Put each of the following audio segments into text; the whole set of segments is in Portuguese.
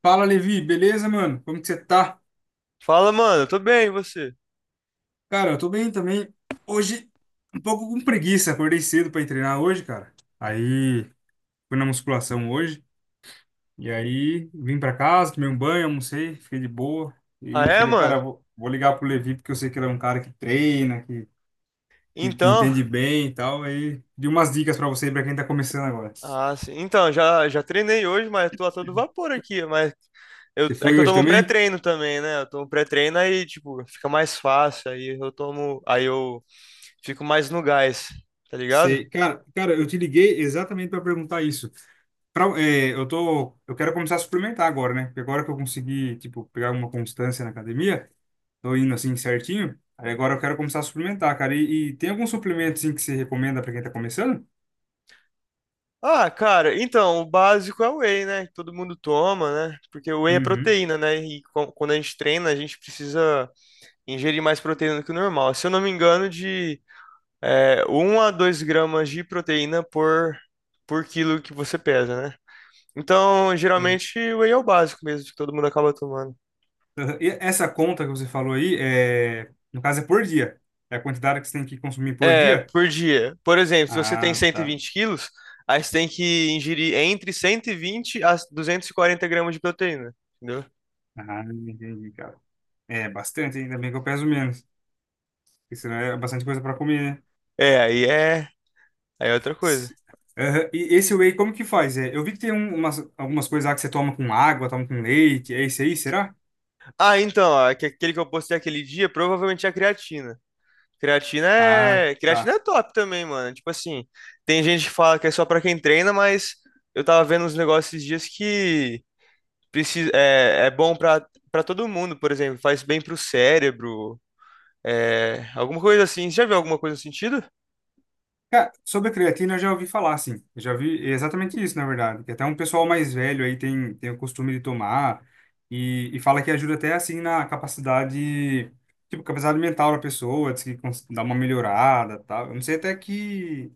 Fala, Levi, beleza, mano? Como que você tá? Fala, mano, tô bem, e você? Cara, eu tô bem também. Hoje, um pouco com preguiça, acordei cedo pra ir treinar hoje, cara. Aí, fui na musculação hoje, e aí vim pra casa, tomei um banho, almocei, fiquei de boa. E Ah, eu é, falei, mano? cara, vou ligar pro Levi, porque eu sei que ele é um cara que treina, que Então, entende bem e tal. Aí, de umas dicas pra você, e pra quem tá começando agora. ah, sim. Então, já treinei hoje, mas tô a todo vapor aqui, mas Você é que foi eu hoje tomo também? pré-treino também, né? Eu tomo pré-treino aí, tipo, fica mais fácil, aí eu fico mais no gás, tá ligado? Sei. Cara, eu te liguei exatamente pra perguntar isso. Eu quero começar a suplementar agora, né? Porque agora que eu consegui, tipo, pegar uma constância na academia, tô indo assim certinho. Aí agora eu quero começar a suplementar, cara. E tem algum suplemento assim que você recomenda para quem tá começando? Ah, cara, então, o básico é o whey, né? Que todo mundo toma, né? Porque o whey é Uhum. proteína, né? E quando a gente treina, a gente precisa ingerir mais proteína do que o normal. Se eu não me engano, de 1 a 2 gramas de proteína por quilo que você pesa, né? Então, E, geralmente, o whey é o básico mesmo, que todo mundo acaba tomando. e essa conta que você falou aí no caso é por dia. É a quantidade que você tem que consumir por É, dia? por dia. Por exemplo, se você tem Ah, cento e tá. vinte quilos, aí você tem que ingerir entre 120 a 240 gramas de proteína, entendeu? Ah, entendi, cara. É bastante, ainda bem que eu peso menos. Porque senão é bastante coisa para comer, né? É, aí é outra coisa. Aham. E esse whey, como que faz? Eu vi que tem algumas coisas lá que você toma com água, toma com leite, é esse aí, será? Ah, então, ó, aquele que eu postei aquele dia provavelmente é a creatina. Creatina Ah, é, creatina é tá. top também, mano. Tipo assim, tem gente que fala que é só pra quem treina, mas eu tava vendo uns negócios esses dias que é bom pra todo mundo, por exemplo, faz bem pro cérebro, alguma coisa assim. Você já viu alguma coisa no sentido? Cara, sobre a creatina eu já ouvi falar, assim. Eu já vi exatamente isso, na verdade. Que até um pessoal mais velho aí tem o costume de tomar e fala que ajuda até, assim, na capacidade, tipo, capacidade mental da pessoa, diz que dá uma melhorada, tal. Eu não sei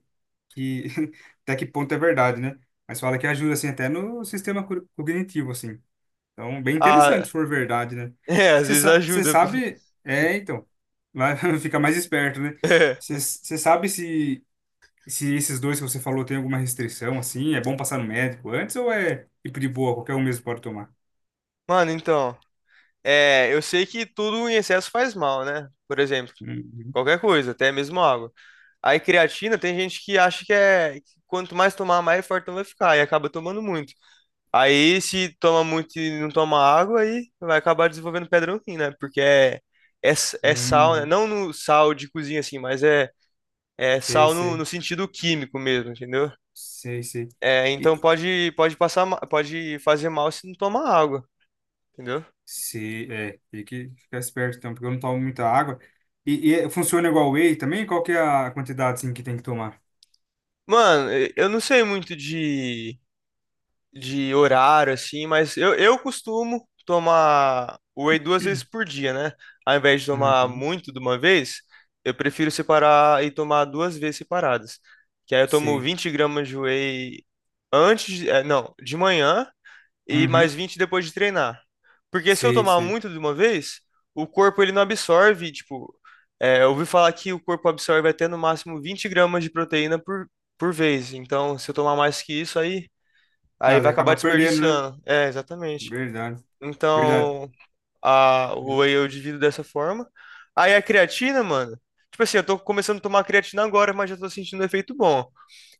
que, até que ponto é verdade, né? Mas fala que ajuda, assim, até no sistema cognitivo, assim. Então, bem interessante, Ah, se for verdade, né? é, às Você vezes sa- você ajuda. sabe. É, então. Vai ficar mais esperto, né? É. Você sabe se esses dois que você falou tem alguma restrição, assim? É bom passar no médico antes ou é tipo de boa, qualquer um mesmo pode tomar? Mano, então, eu sei que tudo em excesso faz mal, né? Por exemplo, Uhum. qualquer coisa, até mesmo água. Aí creatina, tem gente que acha que que quanto mais tomar, mais fortão vai ficar e acaba tomando muito. Aí, se toma muito e não toma água, aí vai acabar desenvolvendo pedra no rim, né? Porque é sal, né? Uhum. Não no sal de cozinha, assim, mas é Sei, sal no, sei. no sentido químico mesmo, entendeu? Sei, sei. É, E, então e- pode passar, pode fazer mal se não tomar água, entendeu? sei, é. Tem que ficar esperto, então, porque eu não tomo muita água. Funciona igual whey também? Qual que é a quantidade, assim, que tem que tomar? Mano, eu não sei muito de horário, assim, mas eu costumo tomar whey duas vezes por dia, né? Ao invés de tomar Uhum. muito de uma vez, eu prefiro separar e tomar 2 vezes separadas. Que aí eu tomo Sei. 20 gramas de whey antes, não, de manhã e mais Uhum. 20 depois de treinar. Porque se eu Sei, tomar sei. muito de uma vez, o corpo ele não absorve, tipo, eu ouvi falar que o corpo absorve até no máximo 20 gramas de proteína por vez. Então, se eu tomar mais que isso, aí Ah, vai daí acabar acaba perdendo, né? desperdiçando. É, exatamente. Verdade. Verdade. Então, o whey eu divido dessa forma. Aí a creatina, mano. Tipo assim, eu tô começando a tomar creatina agora, mas já tô sentindo um efeito bom.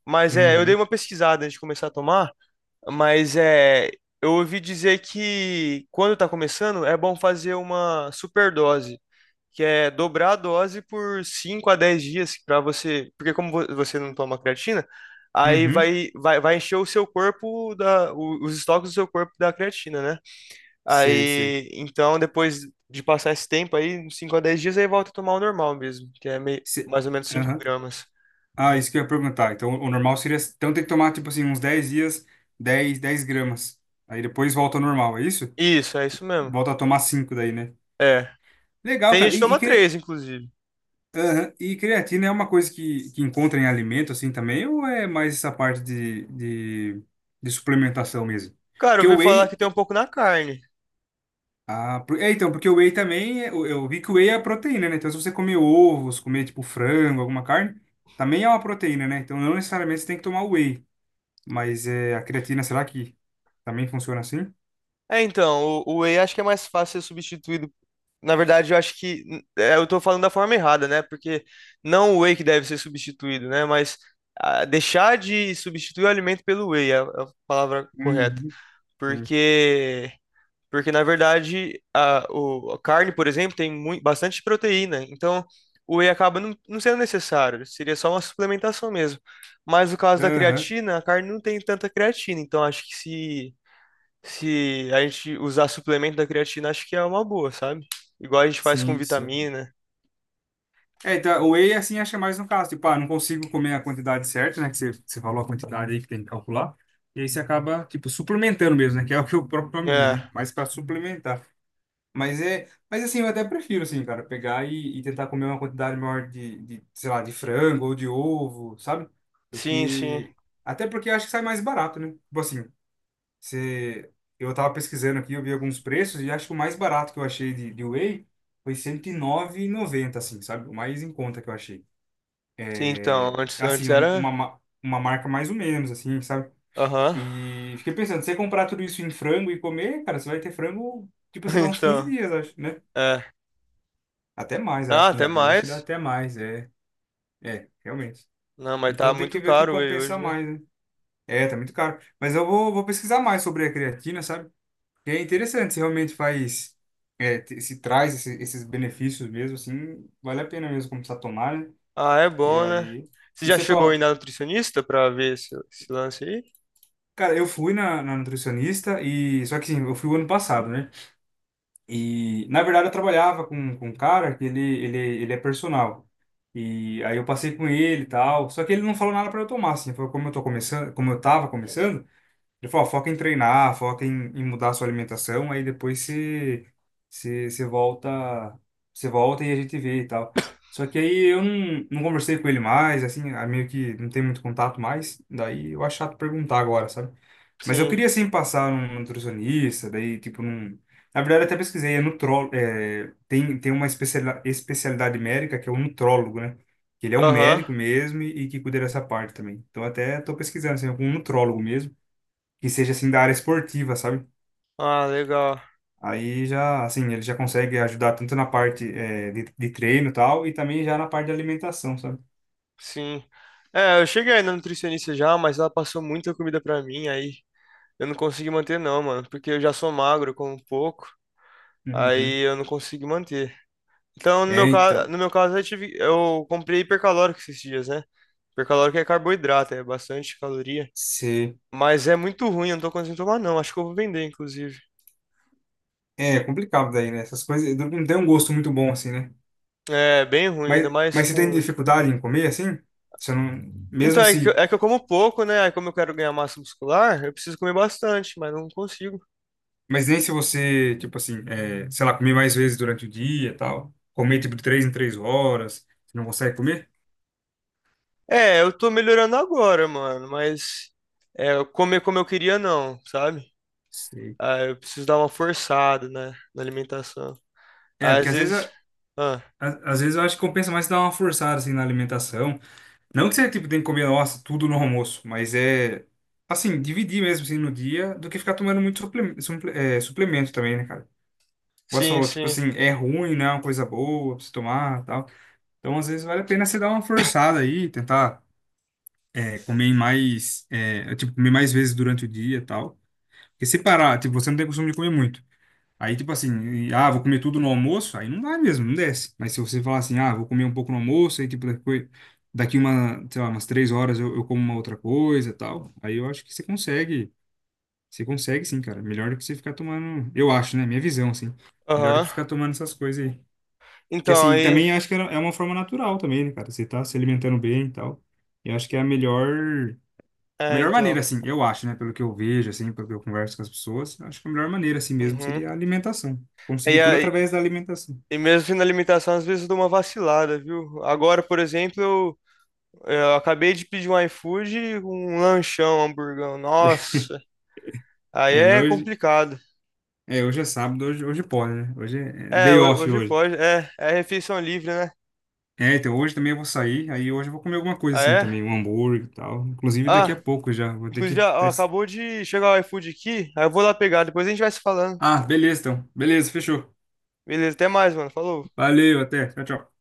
Mas eu dei Uhum. uma pesquisada antes de começar a tomar, mas eu ouvi dizer que quando tá começando, é bom fazer uma superdose que é dobrar a dose por 5 a 10 dias para você, porque como você não toma creatina, aí Uhum. vai encher o seu corpo os estoques do seu corpo da creatina, né? Sei, sei. Aí, então depois de passar esse tempo aí, uns 5 a dez dias, aí volta a tomar o normal mesmo, que é meio, Se- mais ou menos cinco Aham. gramas. Ah, isso que eu ia perguntar. Então, o normal seria. Então, tem que tomar, tipo assim, uns 10 dias, dez gramas. Aí depois volta ao normal, é isso? Isso, é isso mesmo. Volta a tomar 5 daí, né? É. Legal, Tem gente cara. que toma 3, inclusive. Aham. E creatina é uma coisa que encontra em alimento, assim, também? Ou é mais essa parte de suplementação mesmo? Cara, eu Porque o ouvi falar whey, que tem um pouco na carne. Ah, então, porque o whey também, eu vi que o whey é proteína, né? Então, se você comer ovos, comer, tipo, frango, alguma carne, também é uma proteína, né? Então, não necessariamente você tem que tomar o whey. Mas a creatina, será que também funciona assim? É, então, o whey acho que é mais fácil ser substituído. Na verdade, eu acho que eu tô falando da forma errada, né? Porque não o whey que deve ser substituído, né? Mas deixar de substituir o alimento pelo whey é a palavra correta. Uhum, sim. Porque, porque na verdade, a carne, por exemplo, tem muito, bastante proteína. Então, o whey acaba não sendo necessário. Seria só uma suplementação mesmo. Mas no caso da Aham, creatina, a carne não tem tanta creatina. Então, acho que se a gente usar suplemento da creatina, acho que é uma boa, sabe? Igual a gente faz com sim, sim. vitamina. É, então, o whey, assim, acha mais no caso. Tipo, ah, não consigo comer a quantidade certa, né? Que você falou a quantidade aí que tem que calcular. E aí você acaba, tipo, suplementando mesmo, né? Que é o que o próprio nome diz, né? É, Mas para suplementar. Mas assim, eu até prefiro, assim, cara, pegar e tentar comer uma quantidade maior sei lá, de frango ou de ovo, sabe? Do sim, sim. que. Até porque eu acho que sai mais barato, né? Tipo assim, você... eu tava pesquisando aqui, eu vi alguns preços e acho que o mais barato que eu achei de whey foi 109,90, assim, sabe? O mais em conta que eu achei. Sim, então, antes Assim, um- uma, era. ma- uma marca mais ou menos, assim, sabe? Aham. E fiquei pensando, se você comprar tudo isso em frango e comer, cara, você vai ter frango, tipo assim, vai uns 15 Então, dias, acho, né? é. Até mais, Ah, acho, até 15 dias. Acho que dá mais. até mais, é. É, realmente. Não, mas tá Então tem que muito ver o que caro o whey compensa hoje, né? mais, né? É, tá muito caro. Mas eu vou pesquisar mais sobre a creatina, sabe? E é interessante, se realmente faz, se traz esses benefícios mesmo, assim, vale a pena mesmo começar a tomar, né? Ah, é E bom, né? aí. Você E já você chegou aí toma. na nutricionista pra ver esse lance aí? Cara, eu fui na nutricionista e. Só que assim, eu fui o ano passado, né? E, na verdade, eu trabalhava com um cara que ele é personal. E aí eu passei com ele e tal. Só que ele não falou nada para eu tomar, assim. Foi como eu tô começando, como eu tava começando. Ele falou, ó, foca em treinar, foca em mudar a sua alimentação, aí depois você, você volta, você volta e a gente vê e tal. Só que aí eu não conversei com ele mais, assim, ah, meio que não tem muito contato mais, daí eu acho chato perguntar agora, sabe? Mas eu Sim. queria, assim, passar num nutricionista, daí, tipo, na verdade, eu até pesquisei, tem uma especialidade médica que é o nutrólogo, né? Que ele é um Aham. médico mesmo e que cuida dessa parte também. Então, até tô pesquisando, assim, algum nutrólogo mesmo, que seja assim da área esportiva, sabe? Ah, legal. Aí já, assim, ele já consegue ajudar tanto na parte de treino e tal, e também já na parte de alimentação, sabe? Sim. É, eu cheguei aí na nutricionista já, mas ela passou muita comida pra mim, aí eu não consegui manter não, mano, porque eu já sou magro, eu como pouco, Uhum. aí eu não consigo manter. Então, no É, meu caso, então, no meu caso eu comprei hipercalórico esses dias, né? Hipercalórico é carboidrato, é bastante caloria, se... mas é muito ruim, eu não tô conseguindo tomar não, acho que eu vou vender, inclusive. É complicado daí, né? Essas coisas não tem um gosto muito bom, assim, né? É bem ruim, ainda Mas, mais mas você tem com. dificuldade em comer, assim? Você não... Então, Mesmo se... é que eu como pouco, né? Aí como eu quero ganhar massa muscular, eu preciso comer bastante, mas não consigo. Mas nem se você, tipo assim, sei lá, comer mais vezes durante o dia e tal, comer, tipo, de 3 em 3 horas, você não consegue comer? É, eu tô melhorando agora, mano, mas eu comer como eu queria não, sabe? Sei. Ah, eu preciso dar uma forçada, né, na alimentação. É, porque Às às vezes vezes. Ah, às vezes eu acho que compensa mais dar uma forçada assim na alimentação. Não que você tipo tem que comer, nossa, tudo no almoço, mas é assim, dividir mesmo assim no dia do que ficar tomando muito suplemento também, né, cara? Igual você sim, falou, tipo sim. assim, é ruim, né? É uma coisa boa pra você tomar, tal. Então, às vezes vale a pena você dar uma forçada aí, tentar comer mais, tipo, comer mais vezes durante o dia, e tal. Porque se parar, tipo, você não tem costume de comer muito. Aí, tipo assim, vou comer tudo no almoço, aí não vai mesmo, não desce. Mas se você falar assim, ah, vou comer um pouco no almoço, aí, tipo, daqui uma, sei lá, umas 3 horas eu como uma outra coisa e tal, aí eu acho que você consegue sim, cara. Melhor do que você ficar tomando, eu acho, né? Minha visão, assim. Melhor do Aham. que ficar tomando essas coisas aí. Que assim, Então, e aí. também acho que é uma forma natural também, né, cara? Você tá se alimentando bem e tal. Eu acho que é a melhor, a É, melhor então. maneira, assim, eu acho, né? Pelo que eu vejo, assim, pelo que eu converso com as pessoas, acho que a melhor maneira, assim mesmo, Uhum. seria a alimentação. Conseguir E, tudo aí, através da alimentação. e mesmo na alimentação, às vezes eu dou uma vacilada, viu? Agora, por exemplo, eu acabei de pedir um iFood com um lanchão, um hamburgão. Nossa, aí É, mas é hoje, complicado. Hoje é sábado, hoje pode, né? Hoje é É, day off hoje hoje. pode. É refeição livre, né? É, então hoje também eu vou sair, aí hoje eu vou comer alguma coisa Ah, assim é? também, um hambúrguer e tal. Inclusive daqui Ah, a pouco já, vou ter inclusive, que... ó, até- acabou de chegar o iFood aqui. Aí eu vou lá pegar, depois a gente vai se falando. Ah, beleza então. Beleza, fechou. Beleza, até mais, mano. Falou. Valeu, até. Tchau, tchau.